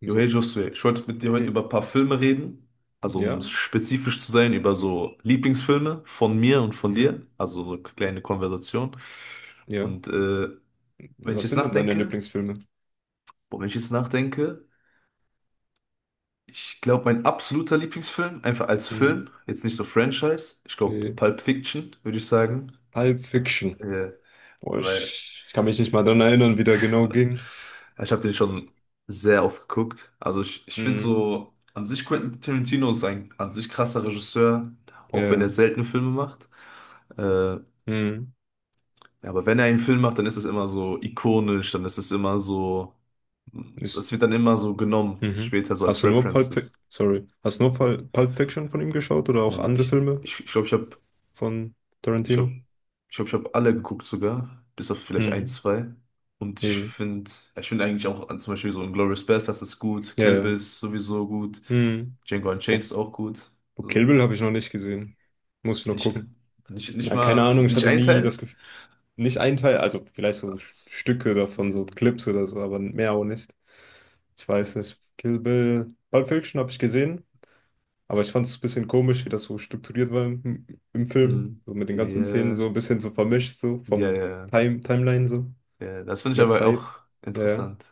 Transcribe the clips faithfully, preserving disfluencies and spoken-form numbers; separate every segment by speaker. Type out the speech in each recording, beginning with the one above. Speaker 1: Und
Speaker 2: Jo, hey
Speaker 1: so,
Speaker 2: Josué, ich wollte mit dir heute
Speaker 1: hey,
Speaker 2: über ein paar Filme reden. Also um
Speaker 1: ja,
Speaker 2: spezifisch zu sein, über so Lieblingsfilme von mir und von
Speaker 1: mhm,
Speaker 2: dir. Also so eine kleine Konversation.
Speaker 1: ja.
Speaker 2: Und äh, wenn ich
Speaker 1: Was
Speaker 2: jetzt
Speaker 1: sind denn deine
Speaker 2: nachdenke,
Speaker 1: Lieblingsfilme?
Speaker 2: boah, wenn ich jetzt nachdenke, ich glaube, mein absoluter Lieblingsfilm, einfach als
Speaker 1: Mhm.
Speaker 2: Film, jetzt nicht so Franchise, ich glaube
Speaker 1: Nee.
Speaker 2: Pulp Fiction, würde ich sagen.
Speaker 1: Pulp Fiction.
Speaker 2: Äh,
Speaker 1: Boah,
Speaker 2: weil
Speaker 1: ich, ich kann mich nicht mal dran erinnern, wie der genau ging.
Speaker 2: Ja, Ich habe den schon sehr oft geguckt. Also ich, ich finde
Speaker 1: Mhm.
Speaker 2: so, an sich Quentin Tarantino ist ein an sich krasser Regisseur,
Speaker 1: Ja,
Speaker 2: auch wenn er
Speaker 1: ja.
Speaker 2: selten Filme macht. Äh, ja,
Speaker 1: Mhm.
Speaker 2: aber wenn er einen Film macht, dann ist es immer so ikonisch, dann ist es immer so, das
Speaker 1: Ist,
Speaker 2: wird dann immer so genommen,
Speaker 1: mhm.
Speaker 2: später so als
Speaker 1: Hast du nur Pulp
Speaker 2: References.
Speaker 1: Fiction, sorry, hast du nur
Speaker 2: Nee,
Speaker 1: Pul- Pulp Fiction von ihm geschaut oder auch
Speaker 2: nee,
Speaker 1: andere
Speaker 2: ich glaube,
Speaker 1: Filme
Speaker 2: ich, ich, glaub, ich habe.
Speaker 1: von
Speaker 2: Ich habe
Speaker 1: Tarantino?
Speaker 2: ich hab, ich hab alle geguckt sogar, bis auf vielleicht ein,
Speaker 1: Mhm.
Speaker 2: zwei. Und ich
Speaker 1: Ja, ja.
Speaker 2: finde, ich finde eigentlich auch an- zum Beispiel so Inglourious Basterds ist gut,
Speaker 1: Ja,
Speaker 2: Kill
Speaker 1: ja.
Speaker 2: Bill ist sowieso gut,
Speaker 1: Mhm.
Speaker 2: Django Unchained
Speaker 1: Bo
Speaker 2: ist auch gut.
Speaker 1: Bo Kill
Speaker 2: So,
Speaker 1: Bill habe ich noch nicht gesehen. Muss ich noch
Speaker 2: nicht,
Speaker 1: gucken.
Speaker 2: nicht, nicht
Speaker 1: Ja, keine
Speaker 2: mal,
Speaker 1: Ahnung, ich
Speaker 2: nicht
Speaker 1: hatte
Speaker 2: ein
Speaker 1: nie das
Speaker 2: Teil.
Speaker 1: Gefühl, nicht ein Teil, also vielleicht so Stücke davon, so
Speaker 2: Ähm,
Speaker 1: Clips oder so, aber mehr auch nicht. Ich weiß nicht. Kill Bill, Pulp Fiction habe ich gesehen, aber ich fand es ein bisschen komisch, wie das so strukturiert war im, im Film.
Speaker 2: Hm.
Speaker 1: So mit den ganzen Szenen
Speaker 2: Ja,
Speaker 1: so ein bisschen so vermischt, so
Speaker 2: ja,
Speaker 1: vom
Speaker 2: ja,
Speaker 1: Time, Timeline so, von
Speaker 2: ja. Das finde ich
Speaker 1: der
Speaker 2: aber auch
Speaker 1: Zeit. Ja, ja.
Speaker 2: interessant.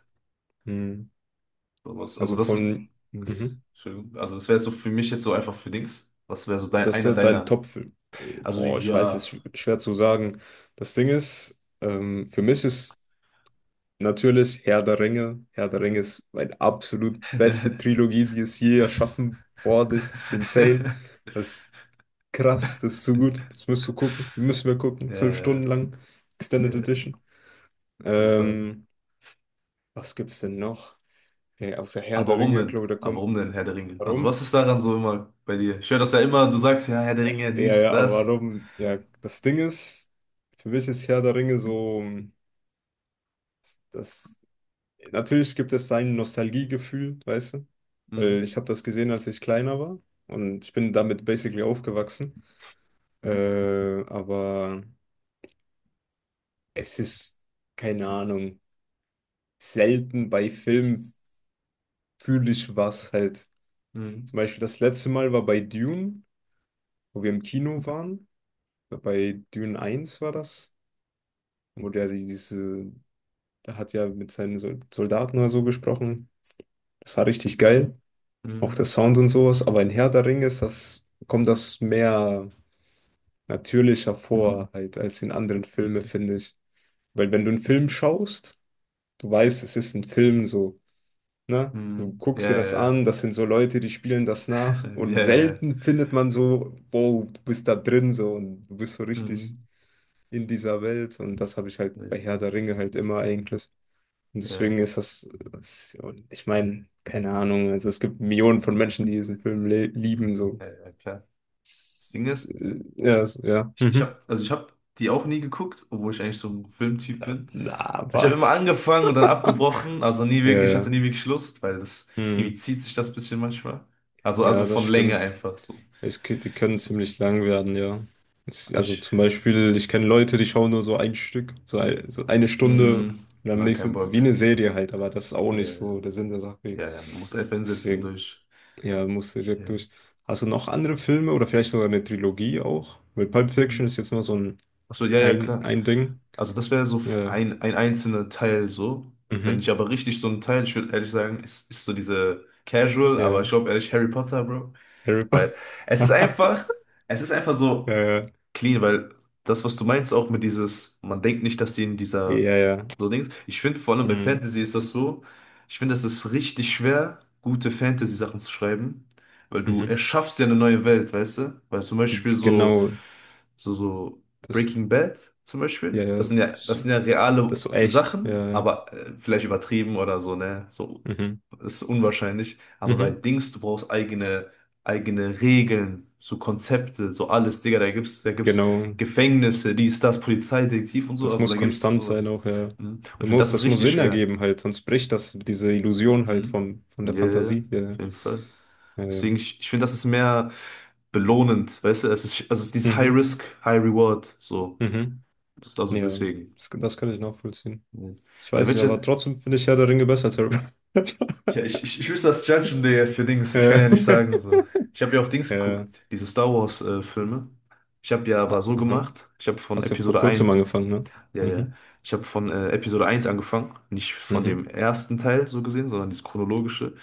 Speaker 1: Hm.
Speaker 2: So was- Also
Speaker 1: Also
Speaker 2: das ist,
Speaker 1: von,
Speaker 2: Dings.
Speaker 1: mhm.
Speaker 2: Entschuldigung. Also das wäre so für mich jetzt so einfach für Dings. Was wäre so dein,
Speaker 1: Das
Speaker 2: einer
Speaker 1: wird dein
Speaker 2: deiner?
Speaker 1: Top-Film?
Speaker 2: Also
Speaker 1: Boah, ich weiß,
Speaker 2: ja.
Speaker 1: es ist schwer zu sagen. Das Ding ist, ähm, für mich ist natürlich Herr der Ringe. Herr der Ringe ist meine absolut beste Trilogie, die es je erschaffen worden ist. Das ist insane. Das ist krass, das ist so gut. Das musst du gucken. Müssen wir gucken.
Speaker 2: Ja,
Speaker 1: Zwölf Stunden
Speaker 2: ja,
Speaker 1: lang. Extended
Speaker 2: ja, auf
Speaker 1: Edition.
Speaker 2: jeden Fall.
Speaker 1: Ähm, was gibt's denn noch? Hey, außer Herr
Speaker 2: Aber
Speaker 1: der
Speaker 2: warum
Speaker 1: Ringe,
Speaker 2: denn?
Speaker 1: glaube ich, da
Speaker 2: Aber
Speaker 1: kommt.
Speaker 2: warum denn Herr der Ringe? Also was
Speaker 1: Warum?
Speaker 2: ist daran so immer bei dir? Ich höre das ja immer, du sagst ja Herr der Ringe,
Speaker 1: Ja,
Speaker 2: dies,
Speaker 1: ja, aber
Speaker 2: das.
Speaker 1: warum? Ja, das Ding ist, für mich ist Herr der Ringe so das. Natürlich gibt es sein Nostalgiegefühl, weißt du? Weil
Speaker 2: Hm,
Speaker 1: ich habe das gesehen, als ich kleiner war und ich bin damit basically aufgewachsen. Äh, aber es ist, keine Ahnung, selten bei Filmen fühle ich was halt. Zum
Speaker 2: hm,
Speaker 1: Beispiel das letzte Mal war bei Dune, wo wir im Kino waren. Bei Dune eins war das, wo der diese, der hat ja mit seinen Sol- Soldaten oder so gesprochen. Das war richtig geil. Auch der
Speaker 2: hm,
Speaker 1: Sound und sowas, aber in Herr der Ringe ist das, kommt das mehr natürlicher vor, halt, als in anderen Filmen, finde ich. Weil wenn du einen Film schaust, du weißt, es ist ein Film so, ne? Du
Speaker 2: hm. Ja,
Speaker 1: guckst dir das
Speaker 2: ja,
Speaker 1: an, das sind so Leute, die spielen das nach
Speaker 2: ja,
Speaker 1: und
Speaker 2: ja, ja.
Speaker 1: selten findet man so, wow, du bist da drin so und du bist so richtig
Speaker 2: Hm.
Speaker 1: in dieser Welt und das habe ich halt bei Herr
Speaker 2: hm.
Speaker 1: der Ringe halt immer eigentlich. Und
Speaker 2: Ja,
Speaker 1: deswegen ist das, das und ich meine, keine Ahnung, also es gibt Millionen von Menschen, die diesen Film le- lieben so.
Speaker 2: ja, ja, klar. Das Ding ist,
Speaker 1: Ja, so- ja.
Speaker 2: ich, ich
Speaker 1: Mhm.
Speaker 2: habe, also ich habe die auch nie geguckt, obwohl ich eigentlich so ein Filmtyp
Speaker 1: Na,
Speaker 2: bin.
Speaker 1: na,
Speaker 2: Ich habe immer
Speaker 1: was?
Speaker 2: angefangen und dann abgebrochen, also nie
Speaker 1: Ja,
Speaker 2: wirklich, ich
Speaker 1: ja.
Speaker 2: hatte nie wirklich Lust, weil das irgendwie
Speaker 1: Hm.
Speaker 2: zieht sich das bisschen manchmal. Also, also
Speaker 1: Ja, das
Speaker 2: von Länge
Speaker 1: stimmt.
Speaker 2: einfach so.
Speaker 1: Es, k- die können
Speaker 2: so.
Speaker 1: ziemlich lang werden, ja. Es, also
Speaker 2: Ich,
Speaker 1: zum Beispiel, ich kenne Leute, die schauen nur so ein Stück, so, ein, so eine Stunde
Speaker 2: mh,
Speaker 1: und am
Speaker 2: nein, kein
Speaker 1: nächsten, wie
Speaker 2: Bock.
Speaker 1: eine Serie halt, aber das ist auch
Speaker 2: Ja,
Speaker 1: nicht so der Sinn der Sache.
Speaker 2: ja, ja, man muss einfach hinsetzen
Speaker 1: Deswegen,
Speaker 2: durch.
Speaker 1: ja, musst du
Speaker 2: Ja.
Speaker 1: direkt durch. Hast du noch andere Filme oder vielleicht sogar eine Trilogie auch? Weil Pulp Fiction ist
Speaker 2: Mhm.
Speaker 1: jetzt mal so ein,
Speaker 2: Ach so, ja, ja,
Speaker 1: ein,
Speaker 2: klar.
Speaker 1: ein Ding.
Speaker 2: Also das wäre so
Speaker 1: Ja, ja.
Speaker 2: ein, ein einzelner Teil so. Wenn ich
Speaker 1: Mhm.
Speaker 2: aber richtig so einen Teil, ich würde ehrlich sagen, ist, ist so diese Casual,
Speaker 1: Ja.
Speaker 2: aber ich
Speaker 1: Ja.
Speaker 2: glaube ehrlich Harry Potter, Bro.
Speaker 1: Harry
Speaker 2: Weil
Speaker 1: Potter.
Speaker 2: es ist einfach, es ist einfach so
Speaker 1: Ja,
Speaker 2: clean, weil das, was du meinst, auch mit dieses, man denkt nicht, dass die in
Speaker 1: ja,
Speaker 2: dieser
Speaker 1: ja, ja.
Speaker 2: so Dings. Ich finde, vor allem bei
Speaker 1: Mhm.
Speaker 2: Fantasy ist das so, ich finde, es ist richtig schwer, gute Fantasy-Sachen zu schreiben, weil du
Speaker 1: Mhm.
Speaker 2: erschaffst ja eine neue Welt, weißt du? Weil zum Beispiel so
Speaker 1: Genau,
Speaker 2: so, so
Speaker 1: das,
Speaker 2: Breaking Bad zum
Speaker 1: ja,
Speaker 2: Beispiel. Das
Speaker 1: ja,
Speaker 2: sind ja, das
Speaker 1: so-
Speaker 2: sind ja
Speaker 1: das
Speaker 2: reale
Speaker 1: ist so echt,
Speaker 2: Sachen,
Speaker 1: ja, ja.
Speaker 2: aber äh, vielleicht übertrieben oder so, ne? So
Speaker 1: Mhm.
Speaker 2: ist unwahrscheinlich. Aber bei
Speaker 1: Mhm.
Speaker 2: Dings, du brauchst eigene, eigene Regeln, so Konzepte, so alles, Digga, da gibt's, da gibt's
Speaker 1: Genau,
Speaker 2: Gefängnisse, dies, das, Polizeidetektiv und so,
Speaker 1: das
Speaker 2: also
Speaker 1: muss
Speaker 2: da gibt's
Speaker 1: konstant sein
Speaker 2: sowas.
Speaker 1: auch, ja.
Speaker 2: Mhm. Und ich
Speaker 1: Das
Speaker 2: finde, das
Speaker 1: muss,
Speaker 2: ist
Speaker 1: das muss
Speaker 2: richtig
Speaker 1: Sinn
Speaker 2: schwer.
Speaker 1: ergeben halt, sonst bricht das diese Illusion halt
Speaker 2: Mhm.
Speaker 1: vom, von
Speaker 2: Ja,
Speaker 1: der
Speaker 2: ja, ja,
Speaker 1: Fantasie,
Speaker 2: auf
Speaker 1: ja,
Speaker 2: jeden Fall.
Speaker 1: ja, ja. Ja.
Speaker 2: Deswegen, ich, ich finde, das ist mehr belohnend, weißt du, es ist, also es ist dieses High
Speaker 1: Mhm.
Speaker 2: Risk, High Reward, so.
Speaker 1: Mhm.
Speaker 2: Also
Speaker 1: Ja,
Speaker 2: deswegen.
Speaker 1: das, das kann ich nachvollziehen.
Speaker 2: Nee.
Speaker 1: Ich
Speaker 2: Bei den
Speaker 1: weiß nicht,
Speaker 2: Witcher,
Speaker 1: aber trotzdem finde ich Herr der Ringe besser als Harry Potter.
Speaker 2: Ich, ich, ich, ich wüsste das Judgen der für Dings. Ich kann
Speaker 1: Äh,
Speaker 2: ja nicht sagen, also ich habe ja auch Dings
Speaker 1: Ja.
Speaker 2: geguckt, diese Star Wars äh, Filme. Ich habe ja aber
Speaker 1: Ah,
Speaker 2: so
Speaker 1: aha.
Speaker 2: gemacht, ich habe von
Speaker 1: Hast ja vor
Speaker 2: Episode
Speaker 1: kurzem
Speaker 2: eins.
Speaker 1: angefangen, ne?
Speaker 2: Ja, ja.
Speaker 1: Mhm.
Speaker 2: Ich habe von äh, Episode eins angefangen, nicht von dem
Speaker 1: Mhm.
Speaker 2: ersten Teil so gesehen, sondern das chronologische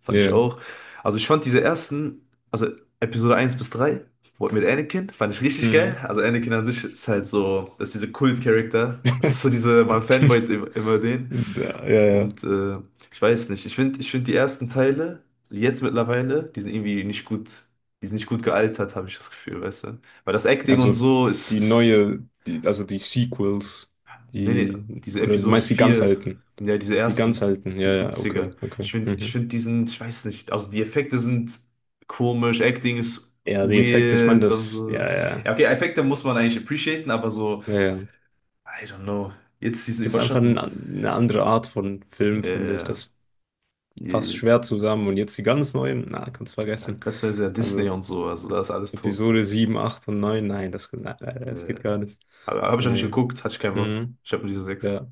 Speaker 2: fand ich
Speaker 1: Ja.
Speaker 2: auch. Also ich fand diese ersten, also Episode eins bis drei wo- mit Anakin, fand ich richtig geil.
Speaker 1: Mhm.
Speaker 2: Also Anakin an sich ist halt so, das ist dieser Kult-Charakter. Das ist so diese, man fanboyt im- immer den.
Speaker 1: Ja, ja. Ja.
Speaker 2: Und äh, ich weiß nicht, ich finde ich find die ersten Teile, so jetzt mittlerweile, die sind irgendwie nicht gut, die sind nicht gut gealtert, habe ich das Gefühl, weißt du? Weil das Acting und
Speaker 1: Also
Speaker 2: so ist,
Speaker 1: die
Speaker 2: ist
Speaker 1: neue, die, also die Sequels,
Speaker 2: nee, nee,
Speaker 1: die,
Speaker 2: diese
Speaker 1: oder du
Speaker 2: Episode
Speaker 1: meinst die ganz
Speaker 2: vier,
Speaker 1: alten.
Speaker 2: ja, diese
Speaker 1: Die ganz
Speaker 2: ersten,
Speaker 1: alten,
Speaker 2: die
Speaker 1: ja, ja, okay,
Speaker 2: Siebziger. Ich
Speaker 1: okay.
Speaker 2: finde, ich
Speaker 1: Mhm.
Speaker 2: find diesen, ich weiß nicht, also die Effekte sind komisch, Acting ist
Speaker 1: Ja, die Effekte, ich meine,
Speaker 2: weird,
Speaker 1: das,
Speaker 2: also.
Speaker 1: ja, ja,
Speaker 2: Ja, okay, Effekte muss man eigentlich appreciaten, aber so,
Speaker 1: ja, ja.
Speaker 2: I don't know, jetzt diesen
Speaker 1: Das ist einfach ein,
Speaker 2: überschattend.
Speaker 1: eine andere Art von Film,
Speaker 2: Ja,
Speaker 1: finde ich.
Speaker 2: ja,
Speaker 1: Das passt
Speaker 2: ja.
Speaker 1: schwer zusammen. Und jetzt die ganz neuen, na, kannst
Speaker 2: Ja,
Speaker 1: vergessen.
Speaker 2: ganz neu ist ja sehr Disney
Speaker 1: Also
Speaker 2: und so, also da ist alles tot.
Speaker 1: Episode sieben acht und neun, nein, das, nein, nein, das
Speaker 2: Nee.
Speaker 1: geht gar nicht.
Speaker 2: Aber habe ich
Speaker 1: Ja,
Speaker 2: auch nicht
Speaker 1: ja.
Speaker 2: geguckt, hatte ich keinen Bock.
Speaker 1: Mhm.
Speaker 2: Ich habe nur diese sechs.
Speaker 1: Ja.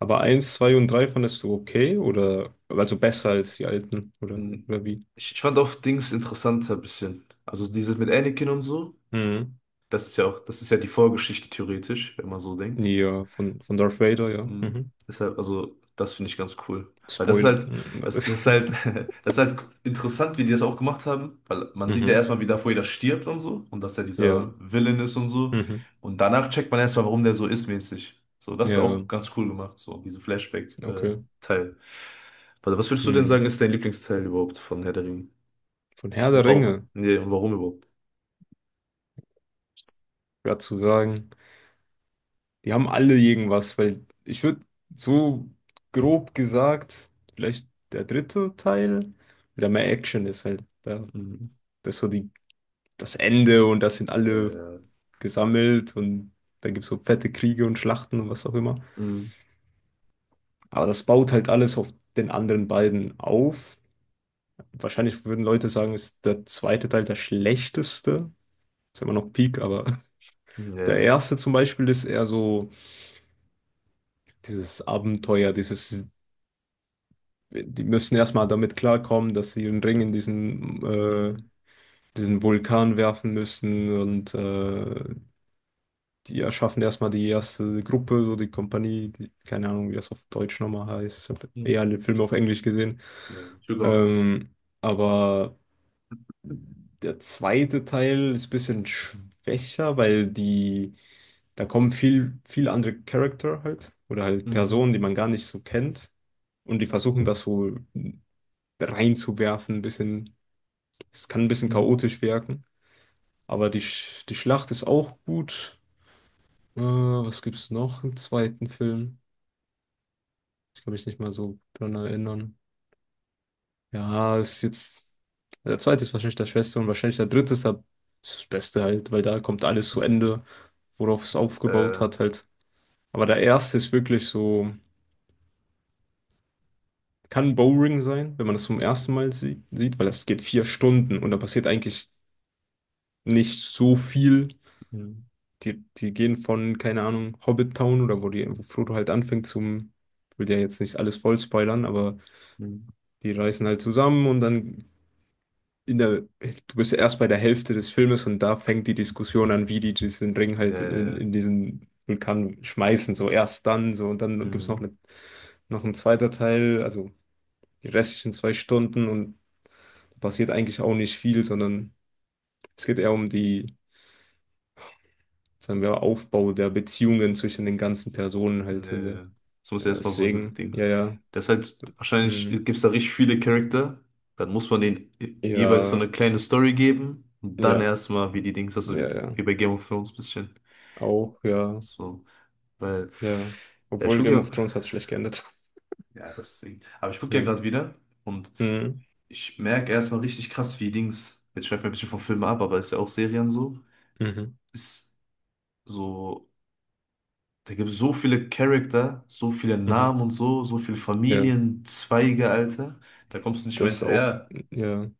Speaker 1: Aber eins zwei und drei fandest du okay oder also besser als die alten oder,
Speaker 2: Hm.
Speaker 1: oder wie?
Speaker 2: Ich, ich fand auch Dings interessanter ein bisschen. Also dieses mit Anakin und so.
Speaker 1: Mhm.
Speaker 2: Das ist ja auch, das ist ja die Vorgeschichte theoretisch, wenn man so denkt.
Speaker 1: Ja, von, von Darth Vader, ja.
Speaker 2: Mhm.
Speaker 1: Mhm.
Speaker 2: Deshalb, also, das finde ich ganz cool. Weil das ist
Speaker 1: Spoiler.
Speaker 2: halt, das, das ist halt, das ist halt interessant, wie die das auch gemacht haben, weil man sieht ja
Speaker 1: Mhm.
Speaker 2: erstmal, wie davor jeder stirbt und so, und dass er dieser
Speaker 1: Ja.
Speaker 2: Villain ist und so.
Speaker 1: Mhm.
Speaker 2: Und danach checkt man erstmal, warum der so ist, mäßig. So, das ist
Speaker 1: Ja,
Speaker 2: auch ganz cool gemacht, so, diese
Speaker 1: okay.
Speaker 2: Flashback-Teil. Warte, was würdest du denn sagen,
Speaker 1: Mhm.
Speaker 2: ist dein Lieblingsteil überhaupt von Herr der Ringe?
Speaker 1: Von Herr
Speaker 2: Und
Speaker 1: der
Speaker 2: warum?
Speaker 1: Ringe,
Speaker 2: Nee, und warum überhaupt?
Speaker 1: ja zu sagen, die haben alle irgendwas, weil ich würde so grob gesagt, vielleicht der dritte Teil, der mehr Action ist halt. Da,
Speaker 2: Mhm.
Speaker 1: das ist so die, das Ende und das sind alle
Speaker 2: Äh,
Speaker 1: gesammelt und da gibt es so fette Kriege und Schlachten und was auch immer.
Speaker 2: mhm.
Speaker 1: Aber das baut halt alles auf den anderen beiden auf. Wahrscheinlich würden Leute sagen, ist der zweite Teil der schlechteste. Ist immer noch Peak, aber der erste zum Beispiel ist eher so dieses Abenteuer, dieses, die müssen erstmal damit klarkommen, dass sie einen Ring in diesen, äh,
Speaker 2: Nee.
Speaker 1: diesen Vulkan werfen müssen und äh, die erschaffen erstmal die erste Gruppe, so die Kompanie, die, keine Ahnung, wie das auf Deutsch nochmal heißt. Ich habe eher alle Filme auf Englisch gesehen.
Speaker 2: うんねSugar.
Speaker 1: Ähm, aber der zweite Teil ist ein bisschen schwächer, weil die, da kommen viel, viel andere Charakter halt, oder halt
Speaker 2: Mhm.
Speaker 1: Personen, die man gar nicht so kennt. Und die versuchen das so reinzuwerfen, ein bisschen, es kann ein bisschen
Speaker 2: Mhm.
Speaker 1: chaotisch wirken. Aber die, Sch- die Schlacht ist auch gut. Äh, was gibt's noch im zweiten Film? Kann mich nicht mal so dran erinnern. Ja, ist jetzt. Der zweite ist wahrscheinlich der Schwester und wahrscheinlich der dritte ist, der, ist das Beste halt, weil da kommt alles zu Ende, worauf es aufgebaut
Speaker 2: Äh,
Speaker 1: hat halt. Aber der erste ist wirklich so, kann Boring sein, wenn man das zum ersten Mal sie sieht, weil das geht vier Stunden und da passiert eigentlich nicht so viel.
Speaker 2: mhm.
Speaker 1: Die, die gehen von, keine Ahnung, Hobbit Town oder wo, die, wo Frodo halt anfängt zum, ich will ja jetzt nicht alles voll spoilern, aber
Speaker 2: Mhm.
Speaker 1: die reisen halt zusammen und dann in der, du bist ja erst bei der Hälfte des Filmes und da fängt die Diskussion an, wie die diesen Ring halt in,
Speaker 2: Nee.
Speaker 1: in diesen Vulkan schmeißen, so erst dann, so und dann gibt es noch
Speaker 2: Hm
Speaker 1: eine, noch ein zweiter Teil, also die restlichen zwei Stunden und passiert eigentlich auch nicht viel, sondern es geht eher um die, sagen wir, Aufbau der Beziehungen zwischen den ganzen Personen halt in der,
Speaker 2: Nee. Das muss
Speaker 1: äh,
Speaker 2: erstmal so ein
Speaker 1: deswegen,
Speaker 2: Ding.
Speaker 1: ja, ja,
Speaker 2: Das halt, wahrscheinlich
Speaker 1: mhm.
Speaker 2: gibt es da richtig viele Charakter. Dann muss man denen jeweils so
Speaker 1: Ja,
Speaker 2: eine kleine Story geben. Und dann
Speaker 1: ja,
Speaker 2: erstmal, wie die Dings, also
Speaker 1: ja, ja,
Speaker 2: wie bei Game of Thrones ein bisschen.
Speaker 1: auch, ja,
Speaker 2: So. Weil,
Speaker 1: ja,
Speaker 2: ja, ich
Speaker 1: obwohl
Speaker 2: gucke
Speaker 1: Game of
Speaker 2: ja.
Speaker 1: Thrones hat schlecht geendet.
Speaker 2: Ja, das Ding. Aber ich gucke
Speaker 1: Ja.
Speaker 2: ja gerade wieder und
Speaker 1: Mhm.
Speaker 2: ich merke erstmal richtig krass, wie Dings. Jetzt schweifen wir ein bisschen vom Film ab, aber ist ja auch Serien so.
Speaker 1: Mhm.
Speaker 2: Ist so, da gibt es so viele Charakter, so viele
Speaker 1: Mhm.
Speaker 2: Namen und so, so viele
Speaker 1: Ja,
Speaker 2: Familienzweige, Alter. Da kommst du nicht mehr
Speaker 1: das ist auch,
Speaker 2: hinterher.
Speaker 1: ja,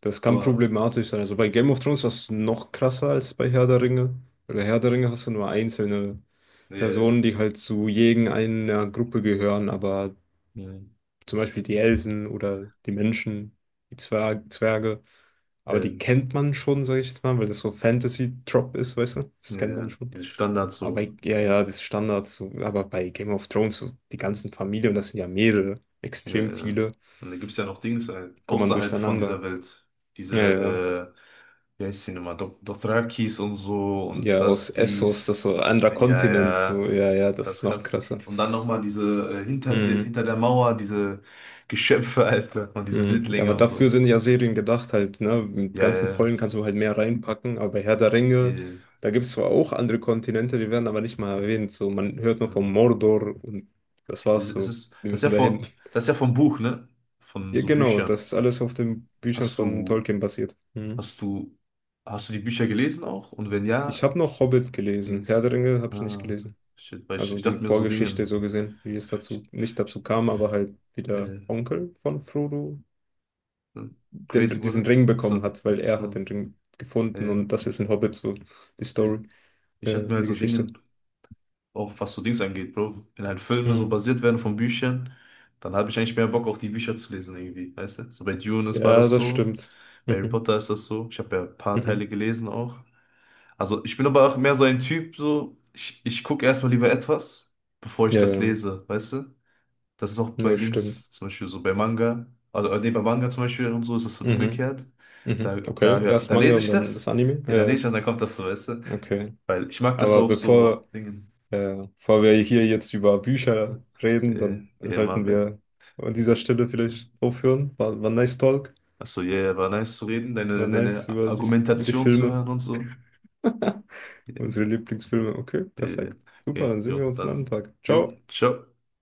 Speaker 1: das kann
Speaker 2: Aber
Speaker 1: problematisch sein. Also bei Game of Thrones ist das noch krasser als bei Herr der Ringe. Bei Herr der Ringe hast du nur einzelne
Speaker 2: äh,
Speaker 1: Personen, die halt zu irgendeiner Gruppe gehören, aber
Speaker 2: äh,
Speaker 1: zum Beispiel die Elfen oder die Menschen, die Zwer Zwerge, aber die
Speaker 2: äh,
Speaker 1: kennt man schon, sage ich jetzt mal, weil das so Fantasy-Trop ist, weißt du? Das kennt
Speaker 2: äh,
Speaker 1: man schon.
Speaker 2: diese Standards
Speaker 1: Aber
Speaker 2: so.
Speaker 1: ja, ja, das ist Standard. So. Aber bei Game of Thrones, so die ganzen Familien, und das sind ja mehrere,
Speaker 2: Äh,
Speaker 1: extrem viele,
Speaker 2: und da gibt es ja noch Dings äh,
Speaker 1: kommt man
Speaker 2: außerhalb von dieser
Speaker 1: durcheinander.
Speaker 2: Welt.
Speaker 1: Ja, ja.
Speaker 2: Diese, äh, wie heißt sie nochmal? Dothrakis und so
Speaker 1: Ja,
Speaker 2: und das,
Speaker 1: aus Essos,
Speaker 2: dies.
Speaker 1: das so ein anderer
Speaker 2: ja.
Speaker 1: Kontinent,
Speaker 2: Ja,
Speaker 1: so, ja, ja, das
Speaker 2: das
Speaker 1: ist
Speaker 2: ist
Speaker 1: noch
Speaker 2: krass.
Speaker 1: krasser.
Speaker 2: Und dann nochmal diese äh, hinter, de,
Speaker 1: Mhm.
Speaker 2: hinter der Mauer, diese Geschöpfe, Alter, und diese
Speaker 1: Mhm. Ja,
Speaker 2: Wildlinge
Speaker 1: aber
Speaker 2: und
Speaker 1: dafür
Speaker 2: so.
Speaker 1: sind ja Serien gedacht halt, ne? Mit
Speaker 2: Ja,
Speaker 1: ganzen
Speaker 2: ja,
Speaker 1: Folgen kannst du halt mehr reinpacken, aber bei Herr der
Speaker 2: ja.
Speaker 1: Ringe,
Speaker 2: Äh,
Speaker 1: da gibt es zwar auch andere Kontinente, die werden aber nicht mal erwähnt. So, man hört nur von
Speaker 2: hm.
Speaker 1: Mordor und das
Speaker 2: Es
Speaker 1: war's
Speaker 2: es
Speaker 1: so.
Speaker 2: ist,
Speaker 1: Die
Speaker 2: das ist ja
Speaker 1: müssen dahin.
Speaker 2: von, das ist ja vom Buch, ne? Von
Speaker 1: Ja,
Speaker 2: so
Speaker 1: genau,
Speaker 2: Büchern.
Speaker 1: das ist alles auf den Büchern
Speaker 2: Hast
Speaker 1: von
Speaker 2: du,
Speaker 1: Tolkien basiert. Mhm.
Speaker 2: hast du, hast du die Bücher gelesen auch? Und wenn
Speaker 1: Ich
Speaker 2: ja,
Speaker 1: habe noch Hobbit gelesen.
Speaker 2: ich,
Speaker 1: Herr der Ringe habe ich nicht
Speaker 2: ah,
Speaker 1: gelesen.
Speaker 2: shit, weil ich,
Speaker 1: Also
Speaker 2: ich
Speaker 1: die
Speaker 2: dachte mir so
Speaker 1: Vorgeschichte
Speaker 2: Dingen,
Speaker 1: so gesehen, wie es
Speaker 2: ich,
Speaker 1: dazu, nicht dazu
Speaker 2: ich,
Speaker 1: kam, aber halt wie der
Speaker 2: äh,
Speaker 1: Onkel von Frodo
Speaker 2: hm,
Speaker 1: den,
Speaker 2: crazy
Speaker 1: diesen
Speaker 2: wurde.
Speaker 1: Ring bekommen
Speaker 2: Achso,
Speaker 1: hat, weil er hat
Speaker 2: so,
Speaker 1: den Ring gefunden
Speaker 2: äh,
Speaker 1: und das ist in Hobbit so die
Speaker 2: äh,
Speaker 1: Story,
Speaker 2: ich
Speaker 1: äh,
Speaker 2: dachte mir
Speaker 1: die
Speaker 2: halt so
Speaker 1: Geschichte.
Speaker 2: Dingen auch, was so Dings angeht, Bro. Wenn halt Filme so
Speaker 1: Mhm.
Speaker 2: basiert werden von Büchern, dann habe ich eigentlich mehr Bock, auch die Bücher zu lesen irgendwie, weißt du? So bei Dune ist- war
Speaker 1: Ja,
Speaker 2: das
Speaker 1: das
Speaker 2: so,
Speaker 1: stimmt.
Speaker 2: bei Harry
Speaker 1: Mhm.
Speaker 2: Potter ist das so. Ich habe ja ein paar Teile
Speaker 1: Mhm.
Speaker 2: gelesen auch. Also ich bin aber auch mehr so ein Typ, so, ich, ich gucke erstmal lieber etwas, bevor ich
Speaker 1: Ja,
Speaker 2: das
Speaker 1: ja,
Speaker 2: lese, weißt du? Das ist auch
Speaker 1: ja,
Speaker 2: bei
Speaker 1: stimmt.
Speaker 2: Dings, zum Beispiel so bei Manga, also äh, nee, bei Manga zum Beispiel und so ist das halt
Speaker 1: Mhm.
Speaker 2: umgekehrt. Da,
Speaker 1: Mhm.
Speaker 2: da,
Speaker 1: Okay,
Speaker 2: ja,
Speaker 1: erst
Speaker 2: da
Speaker 1: Manga
Speaker 2: lese
Speaker 1: und
Speaker 2: ich
Speaker 1: dann das
Speaker 2: das,
Speaker 1: Anime.
Speaker 2: ja, dann lese ich
Speaker 1: Ja,
Speaker 2: das, dann kommt das so, weißt du?
Speaker 1: ja. Okay.
Speaker 2: Weil ich mag das
Speaker 1: Aber
Speaker 2: auch
Speaker 1: bevor,
Speaker 2: so, Dingen.
Speaker 1: äh, bevor wir hier jetzt über Bücher reden,
Speaker 2: Äh,
Speaker 1: dann
Speaker 2: ja,
Speaker 1: sollten
Speaker 2: Marvel.
Speaker 1: wir an dieser Stelle vielleicht aufhören. War, war ein nice Talk.
Speaker 2: Achso, ja, yeah, war nice zu reden,
Speaker 1: War
Speaker 2: deine,
Speaker 1: nice
Speaker 2: deine
Speaker 1: über dich, über die
Speaker 2: Argumentation zu
Speaker 1: Filme,
Speaker 2: hören und so. Ja,
Speaker 1: unsere Lieblingsfilme. Okay,
Speaker 2: Äh,
Speaker 1: perfekt. Super,
Speaker 2: okay,
Speaker 1: dann sehen
Speaker 2: jo,
Speaker 1: wir uns einen
Speaker 2: dann.
Speaker 1: anderen Tag.
Speaker 2: Jo,
Speaker 1: Ciao.
Speaker 2: ciao.